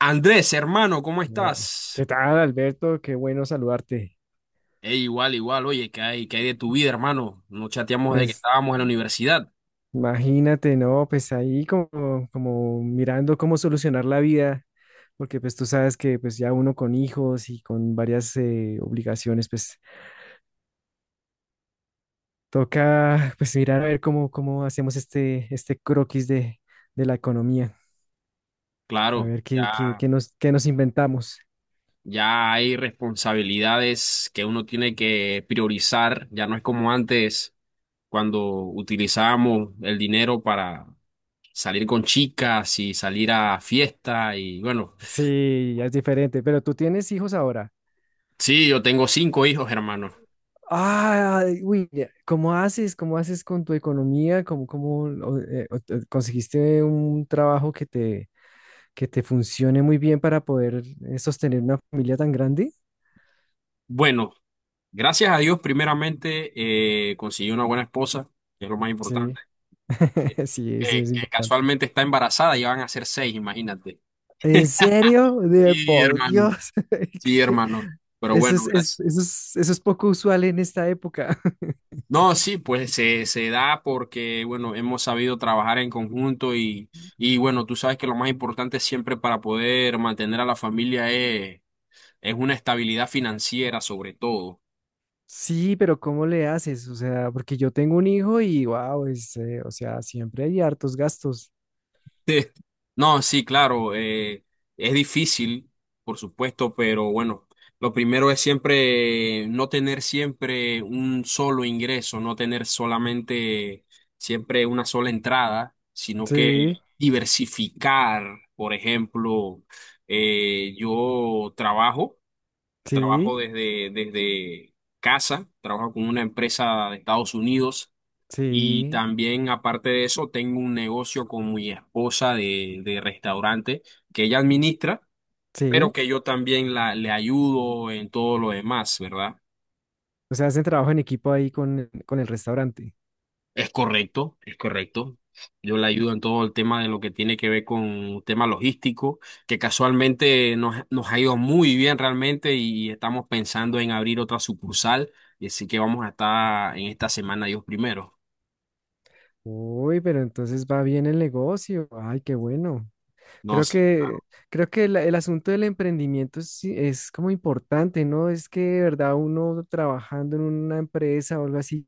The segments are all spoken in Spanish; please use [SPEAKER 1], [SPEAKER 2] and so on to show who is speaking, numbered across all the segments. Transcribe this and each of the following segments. [SPEAKER 1] Andrés, hermano, ¿cómo
[SPEAKER 2] No.
[SPEAKER 1] estás?
[SPEAKER 2] ¿Qué tal, Alberto? Qué bueno saludarte.
[SPEAKER 1] Ey, igual, igual, oye, ¿qué hay de tu vida, hermano? No chateamos de que
[SPEAKER 2] Pues
[SPEAKER 1] estábamos en la universidad.
[SPEAKER 2] imagínate, ¿no? Pues ahí como mirando cómo solucionar la vida, porque pues tú sabes que pues ya uno con hijos y con varias obligaciones, pues toca pues mirar a ver cómo, cómo hacemos este croquis de la economía, a
[SPEAKER 1] Claro,
[SPEAKER 2] ver
[SPEAKER 1] ya,
[SPEAKER 2] qué nos inventamos.
[SPEAKER 1] ya hay responsabilidades que uno tiene que priorizar. Ya no es como antes, cuando utilizábamos el dinero para salir con chicas y salir a fiesta. Y bueno,
[SPEAKER 2] Sí, ya es diferente, pero tú tienes hijos ahora.
[SPEAKER 1] sí, yo tengo cinco hijos, hermano.
[SPEAKER 2] Ah, uy, ya, ¿cómo haces? ¿Cómo haces con tu economía? ¿ Conseguiste un trabajo que te funcione muy bien para poder sostener una familia tan grande?
[SPEAKER 1] Bueno, gracias a Dios, primeramente, conseguí una buena esposa, que es lo más
[SPEAKER 2] Sí,
[SPEAKER 1] importante. eh,
[SPEAKER 2] sí, eso es
[SPEAKER 1] que
[SPEAKER 2] importante.
[SPEAKER 1] casualmente está embarazada y van a ser seis, imagínate.
[SPEAKER 2] ¿En serio? De
[SPEAKER 1] Sí,
[SPEAKER 2] por
[SPEAKER 1] hermano,
[SPEAKER 2] Dios.
[SPEAKER 1] sí,
[SPEAKER 2] ¿Qué?
[SPEAKER 1] hermano. Pero bueno, gracias.
[SPEAKER 2] Eso es, eso es poco usual en esta época.
[SPEAKER 1] No, sí, pues se da porque, bueno, hemos sabido trabajar en conjunto y bueno, tú sabes que lo más importante siempre para poder mantener a la familia es una estabilidad financiera sobre todo.
[SPEAKER 2] Sí, pero ¿cómo le haces? O sea, porque yo tengo un hijo y wow, es, o sea, siempre hay hartos gastos.
[SPEAKER 1] Sí. No, sí, claro, es difícil, por supuesto, pero bueno, lo primero es siempre no tener siempre un solo ingreso, no tener solamente siempre una sola entrada, sino que
[SPEAKER 2] Sí,
[SPEAKER 1] diversificar. Por ejemplo, yo trabajo,
[SPEAKER 2] sí.
[SPEAKER 1] trabajo desde casa, trabajo con una empresa de Estados Unidos y
[SPEAKER 2] Sí,
[SPEAKER 1] también, aparte de eso, tengo un negocio con mi esposa de restaurante que ella administra, pero
[SPEAKER 2] sí.
[SPEAKER 1] que yo también le ayudo en todo lo demás, ¿verdad?
[SPEAKER 2] O sea, hacen trabajo en equipo ahí con el restaurante.
[SPEAKER 1] Es correcto, es correcto. Yo le ayudo en todo el tema de lo que tiene que ver con tema logístico, que casualmente nos ha ido muy bien realmente y estamos pensando en abrir otra sucursal, y así que vamos a estar en esta semana Dios primero.
[SPEAKER 2] Uy, pero entonces va bien el negocio. Ay, qué bueno. Creo
[SPEAKER 1] Nos,
[SPEAKER 2] que, creo que el asunto del emprendimiento es como importante, ¿no? Es que de verdad uno trabajando en una empresa o algo así,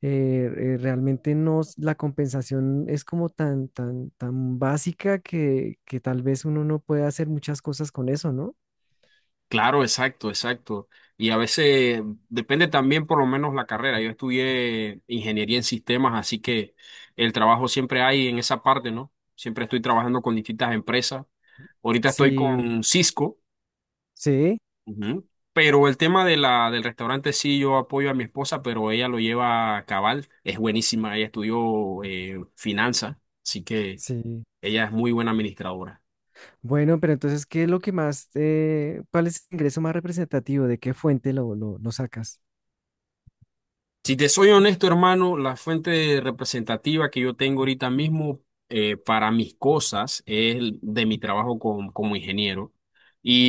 [SPEAKER 2] realmente no, la compensación es como tan básica que tal vez uno no puede hacer muchas cosas con eso, ¿no?
[SPEAKER 1] Claro, exacto, exacto. Y a veces depende también por lo menos la carrera. Yo estudié ingeniería en sistemas, así que el trabajo siempre hay en esa parte, ¿no? Siempre estoy trabajando con distintas empresas. Ahorita estoy
[SPEAKER 2] Sí,
[SPEAKER 1] con Cisco,
[SPEAKER 2] sí,
[SPEAKER 1] ujú, pero el tema de del restaurante sí, yo apoyo a mi esposa, pero ella lo lleva a cabal. Es buenísima, ella estudió finanzas, así que
[SPEAKER 2] sí.
[SPEAKER 1] ella es muy buena administradora.
[SPEAKER 2] Bueno, pero entonces, ¿qué es lo que más, cuál es el ingreso más representativo? ¿De qué fuente lo sacas?
[SPEAKER 1] Si te soy honesto, hermano, la fuente representativa que yo tengo ahorita mismo para mis cosas es el de mi trabajo como ingeniero.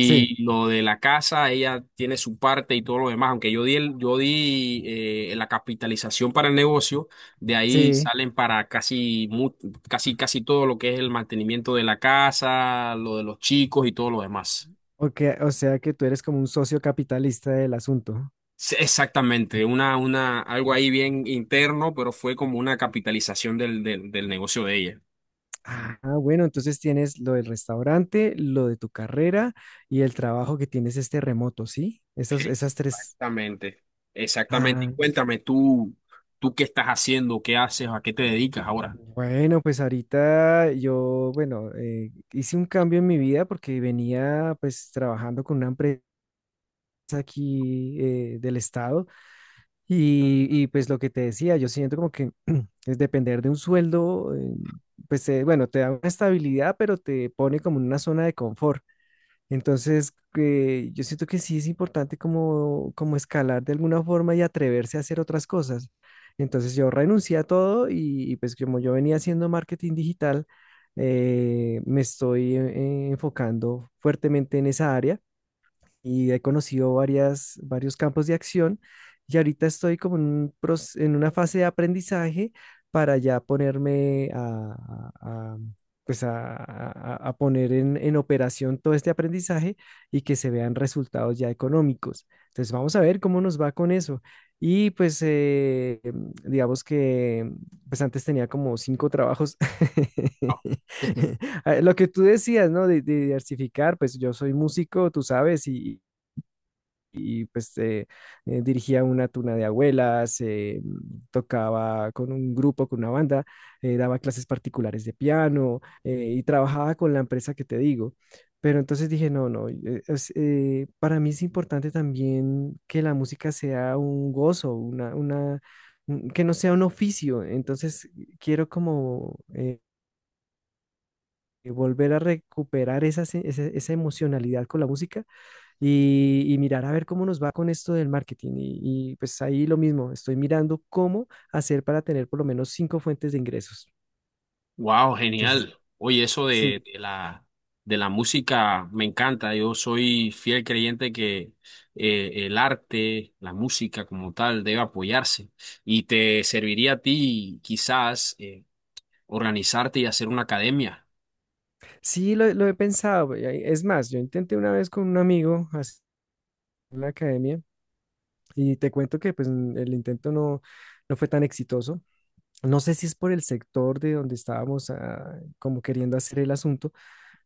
[SPEAKER 2] Sí,
[SPEAKER 1] lo de la casa, ella tiene su parte y todo lo demás. Aunque yo di la capitalización para el negocio, de ahí
[SPEAKER 2] sí.
[SPEAKER 1] salen para casi todo lo que es el mantenimiento de la casa, lo de los chicos y todo lo demás.
[SPEAKER 2] O, o sea que tú eres como un socio capitalista del asunto.
[SPEAKER 1] Sí, exactamente, algo ahí bien interno, pero fue como una capitalización del negocio de ella.
[SPEAKER 2] Ah, bueno, entonces tienes lo del restaurante, lo de tu carrera y el trabajo que tienes este remoto, ¿sí? Esas, esas tres.
[SPEAKER 1] Exactamente, exactamente. Y
[SPEAKER 2] Ah,
[SPEAKER 1] cuéntame tú, tú qué estás haciendo, qué haces, a qué te dedicas ahora.
[SPEAKER 2] bueno, pues ahorita yo, bueno, hice un cambio en mi vida porque venía pues trabajando con una empresa aquí del estado. Y, y pues lo que te decía, yo siento como que es depender de un sueldo, pues bueno, te da una estabilidad, pero te pone como en una zona de confort. Entonces, que yo siento que sí es importante como, como escalar de alguna forma y atreverse a hacer otras cosas. Entonces yo renuncié a todo y pues como yo venía haciendo marketing digital, me estoy enfocando fuertemente en esa área y he conocido varios campos de acción y ahorita estoy como en, en una fase de aprendizaje para ya ponerme a pues a poner en operación todo este aprendizaje y que se vean resultados ya económicos. Entonces vamos a ver cómo nos va con eso. Y pues digamos que pues antes tenía como cinco trabajos. Ah, lo que tú decías, ¿no? De diversificar, pues yo soy músico, tú sabes, y pues dirigía una tuna de abuelas, tocaba con un grupo, con una banda, daba clases particulares de piano y trabajaba con la empresa que te digo. Pero entonces dije, no, no, para mí es importante también que la música sea un gozo, que no sea un oficio. Entonces quiero como volver a recuperar esa, se- esa esa emocionalidad con la música y mirar a ver cómo nos va con esto del marketing. Y, y pues ahí lo mismo, estoy mirando cómo hacer para tener por lo menos cinco fuentes de ingresos.
[SPEAKER 1] Wow,
[SPEAKER 2] Entonces,
[SPEAKER 1] genial. Oye, eso de,
[SPEAKER 2] sí,
[SPEAKER 1] de la, de la música me encanta. Yo soy fiel creyente que el arte, la música como tal, debe apoyarse. Y te serviría a ti quizás organizarte y hacer una academia.
[SPEAKER 2] sí lo he pensado. Y es más, yo intenté una vez con un amigo hacer la academia y te cuento que pues el intento no fue tan exitoso. No sé si es por el sector de donde estábamos ah, como queriendo hacer el asunto.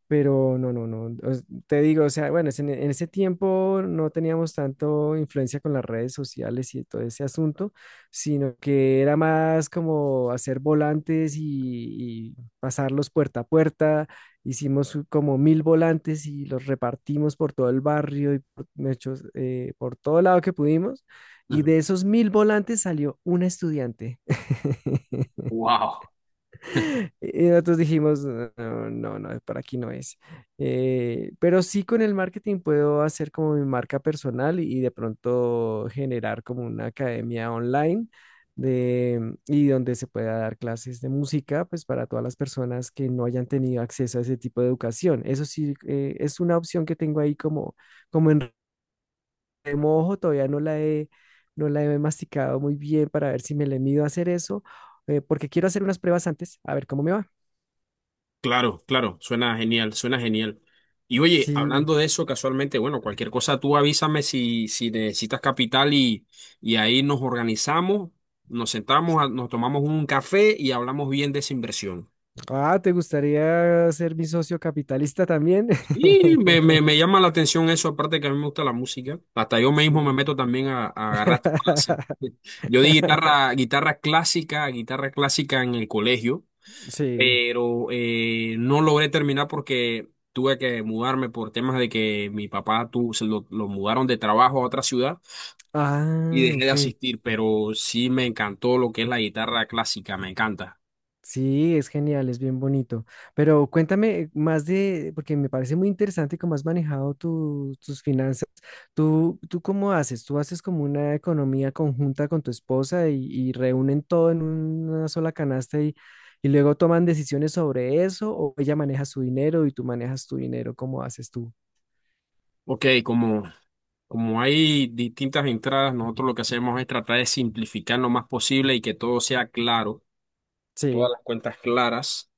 [SPEAKER 2] Pero no, no, no. Te digo, o sea, bueno, es en ese tiempo no teníamos tanto influencia con las redes sociales y todo ese asunto, sino que era más como hacer volantes y pasarlos puerta a puerta. Hicimos como 1.000 volantes y los repartimos por todo el barrio y por, de hecho, por todo lado que pudimos. Y de esos 1.000 volantes salió una estudiante.
[SPEAKER 1] Wow.
[SPEAKER 2] Y nosotros dijimos, no, no, no, para aquí no es. Pero sí con el marketing puedo hacer como mi marca personal y de pronto generar como una academia online y donde se pueda dar clases de música, pues para todas las personas que no hayan tenido acceso a ese tipo de educación. Eso sí, es una opción que tengo ahí como, como en remojo, todavía no la he masticado muy bien para ver si me le mido a hacer eso, porque quiero hacer unas pruebas antes, a ver cómo me va.
[SPEAKER 1] Claro, claro, suena genial, suena genial. Y oye,
[SPEAKER 2] Sí.
[SPEAKER 1] hablando de eso, casualmente, bueno, cualquier cosa tú avísame si, si necesitas capital y ahí nos organizamos, nos sentamos, nos tomamos un café y hablamos bien de esa inversión.
[SPEAKER 2] Ah, ¿te gustaría ser mi socio capitalista también?
[SPEAKER 1] Y me, me, me llama la atención eso, aparte que a mí me gusta la música. Hasta yo mismo me
[SPEAKER 2] Sí.
[SPEAKER 1] meto también a, agarrar clases. Yo di guitarra clásica en el colegio.
[SPEAKER 2] Sí.
[SPEAKER 1] Pero no logré terminar porque tuve que mudarme por temas de que mi papá lo mudaron de trabajo a otra ciudad y
[SPEAKER 2] Ah,
[SPEAKER 1] dejé de
[SPEAKER 2] ok.
[SPEAKER 1] asistir, pero sí me encantó lo que es la guitarra clásica, me encanta.
[SPEAKER 2] Sí, es genial, es bien bonito. Pero cuéntame más de, porque me parece muy interesante cómo has manejado tus finanzas. ¿Tú, tú cómo haces? ¿Tú haces como una economía conjunta con tu esposa y reúnen todo en una sola canasta y luego toman decisiones sobre eso? ¿O ella maneja su dinero y tú manejas tu dinero? ¿Cómo haces tú?
[SPEAKER 1] Ok, como hay distintas entradas, nosotros lo que hacemos es tratar de simplificar lo más posible y que todo sea claro,
[SPEAKER 2] Sí,
[SPEAKER 1] todas las cuentas claras,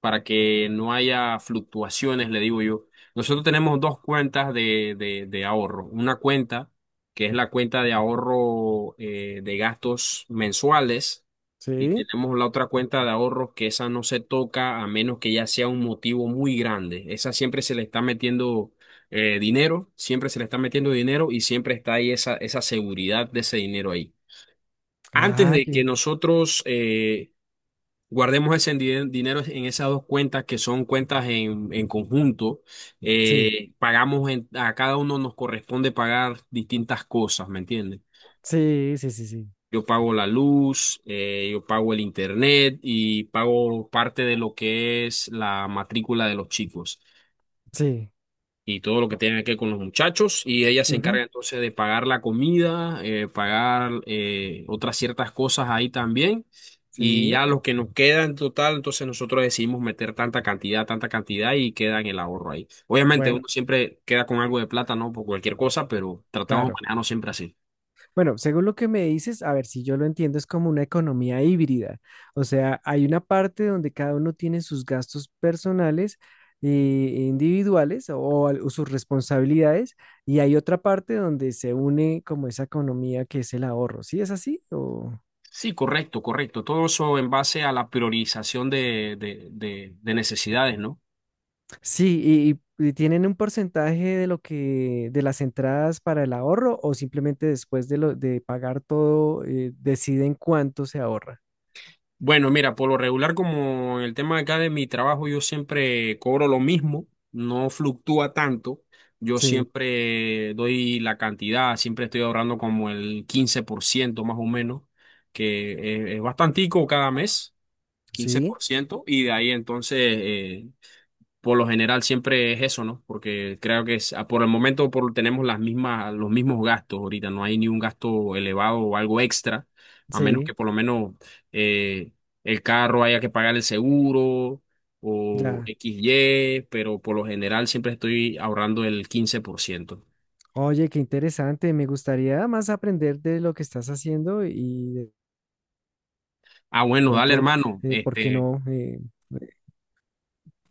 [SPEAKER 1] para que no haya fluctuaciones, le digo yo. Nosotros tenemos dos cuentas de ahorro. Una cuenta que es la cuenta de ahorro de gastos mensuales y
[SPEAKER 2] sí.
[SPEAKER 1] tenemos la otra cuenta de ahorro que esa no se toca a menos que ya sea un motivo muy grande. Esa siempre se le está metiendo dinero, siempre se le está metiendo dinero y siempre está ahí esa seguridad de ese dinero ahí. Antes
[SPEAKER 2] Ah,
[SPEAKER 1] de que nosotros guardemos ese dinero en esas dos cuentas que son cuentas en conjunto.
[SPEAKER 2] sí,
[SPEAKER 1] Pagamos a cada uno nos corresponde pagar distintas cosas, ¿me entiendes?
[SPEAKER 2] sí, sí, sí, sí,
[SPEAKER 1] Yo pago la luz, yo pago el internet y pago parte de lo que es la matrícula de los chicos
[SPEAKER 2] sí.
[SPEAKER 1] y todo lo que
[SPEAKER 2] o-
[SPEAKER 1] tiene que ver con los muchachos. Y ella se
[SPEAKER 2] Ujú.
[SPEAKER 1] encarga entonces de pagar la comida, pagar otras ciertas cosas ahí también. Y ya
[SPEAKER 2] Sí,
[SPEAKER 1] lo que nos queda en total, entonces nosotros decidimos meter tanta cantidad y queda en el ahorro ahí. Obviamente
[SPEAKER 2] bueno,
[SPEAKER 1] uno siempre queda con algo de plata, ¿no? Por cualquier cosa, pero tratamos de
[SPEAKER 2] claro.
[SPEAKER 1] manejarnos siempre así.
[SPEAKER 2] Bueno, según lo que me dices, a ver si yo lo entiendo, es como una economía híbrida. O sea, hay una parte donde cada uno tiene sus gastos personales e individuales o, o sus responsabilidades y hay otra parte donde se une como esa economía que es el ahorro. ¿Sí es así? O...
[SPEAKER 1] Sí, correcto, correcto. Todo eso en base a la priorización de necesidades, ¿no?
[SPEAKER 2] Sí, y tienen un porcentaje de lo que de las entradas para el ahorro o simplemente después de lo de pagar todo deciden cuánto se ahorra.
[SPEAKER 1] Bueno, mira, por lo regular, como en el tema acá de mi trabajo, yo siempre cobro lo mismo, no fluctúa tanto. Yo
[SPEAKER 2] Sí,
[SPEAKER 1] siempre doy la cantidad, siempre estoy ahorrando como el 15% más o menos, que es bastantico cada mes, quince
[SPEAKER 2] sí,
[SPEAKER 1] por ciento, y de ahí entonces por lo general siempre es eso, ¿no? Porque creo que por el momento tenemos los mismos gastos ahorita, no hay ni un gasto elevado o algo extra, a menos
[SPEAKER 2] sí,
[SPEAKER 1] que por lo menos eh, el carro haya que pagar el seguro o
[SPEAKER 2] ya.
[SPEAKER 1] x y pero por lo general siempre estoy ahorrando el 15%.
[SPEAKER 2] Oye, qué interesante. Me gustaría más aprender de lo que estás haciendo y
[SPEAKER 1] Ah,
[SPEAKER 2] de
[SPEAKER 1] bueno, dale,
[SPEAKER 2] pronto,
[SPEAKER 1] hermano.
[SPEAKER 2] ¿por qué
[SPEAKER 1] Este,
[SPEAKER 2] no? Eh,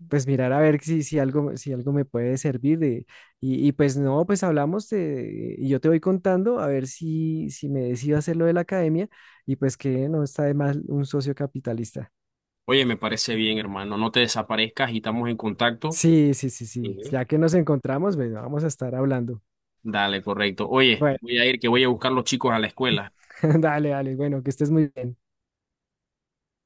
[SPEAKER 2] pues mirar a ver si, si algo, si algo me puede servir. Y, y pues no, y yo te voy contando a ver si, si me decido hacer lo de la academia y pues que no está de más un socio capitalista.
[SPEAKER 1] oye, me parece bien, hermano. No te desaparezcas y estamos en contacto.
[SPEAKER 2] Sí, sí, sí, sí.
[SPEAKER 1] Ujú.
[SPEAKER 2] Ya que nos encontramos, bueno, vamos a estar hablando.
[SPEAKER 1] Dale, correcto. Oye,
[SPEAKER 2] Bueno,
[SPEAKER 1] voy a ir que voy a buscar los chicos a la escuela.
[SPEAKER 2] dale, dale. Bueno, que estés muy bien.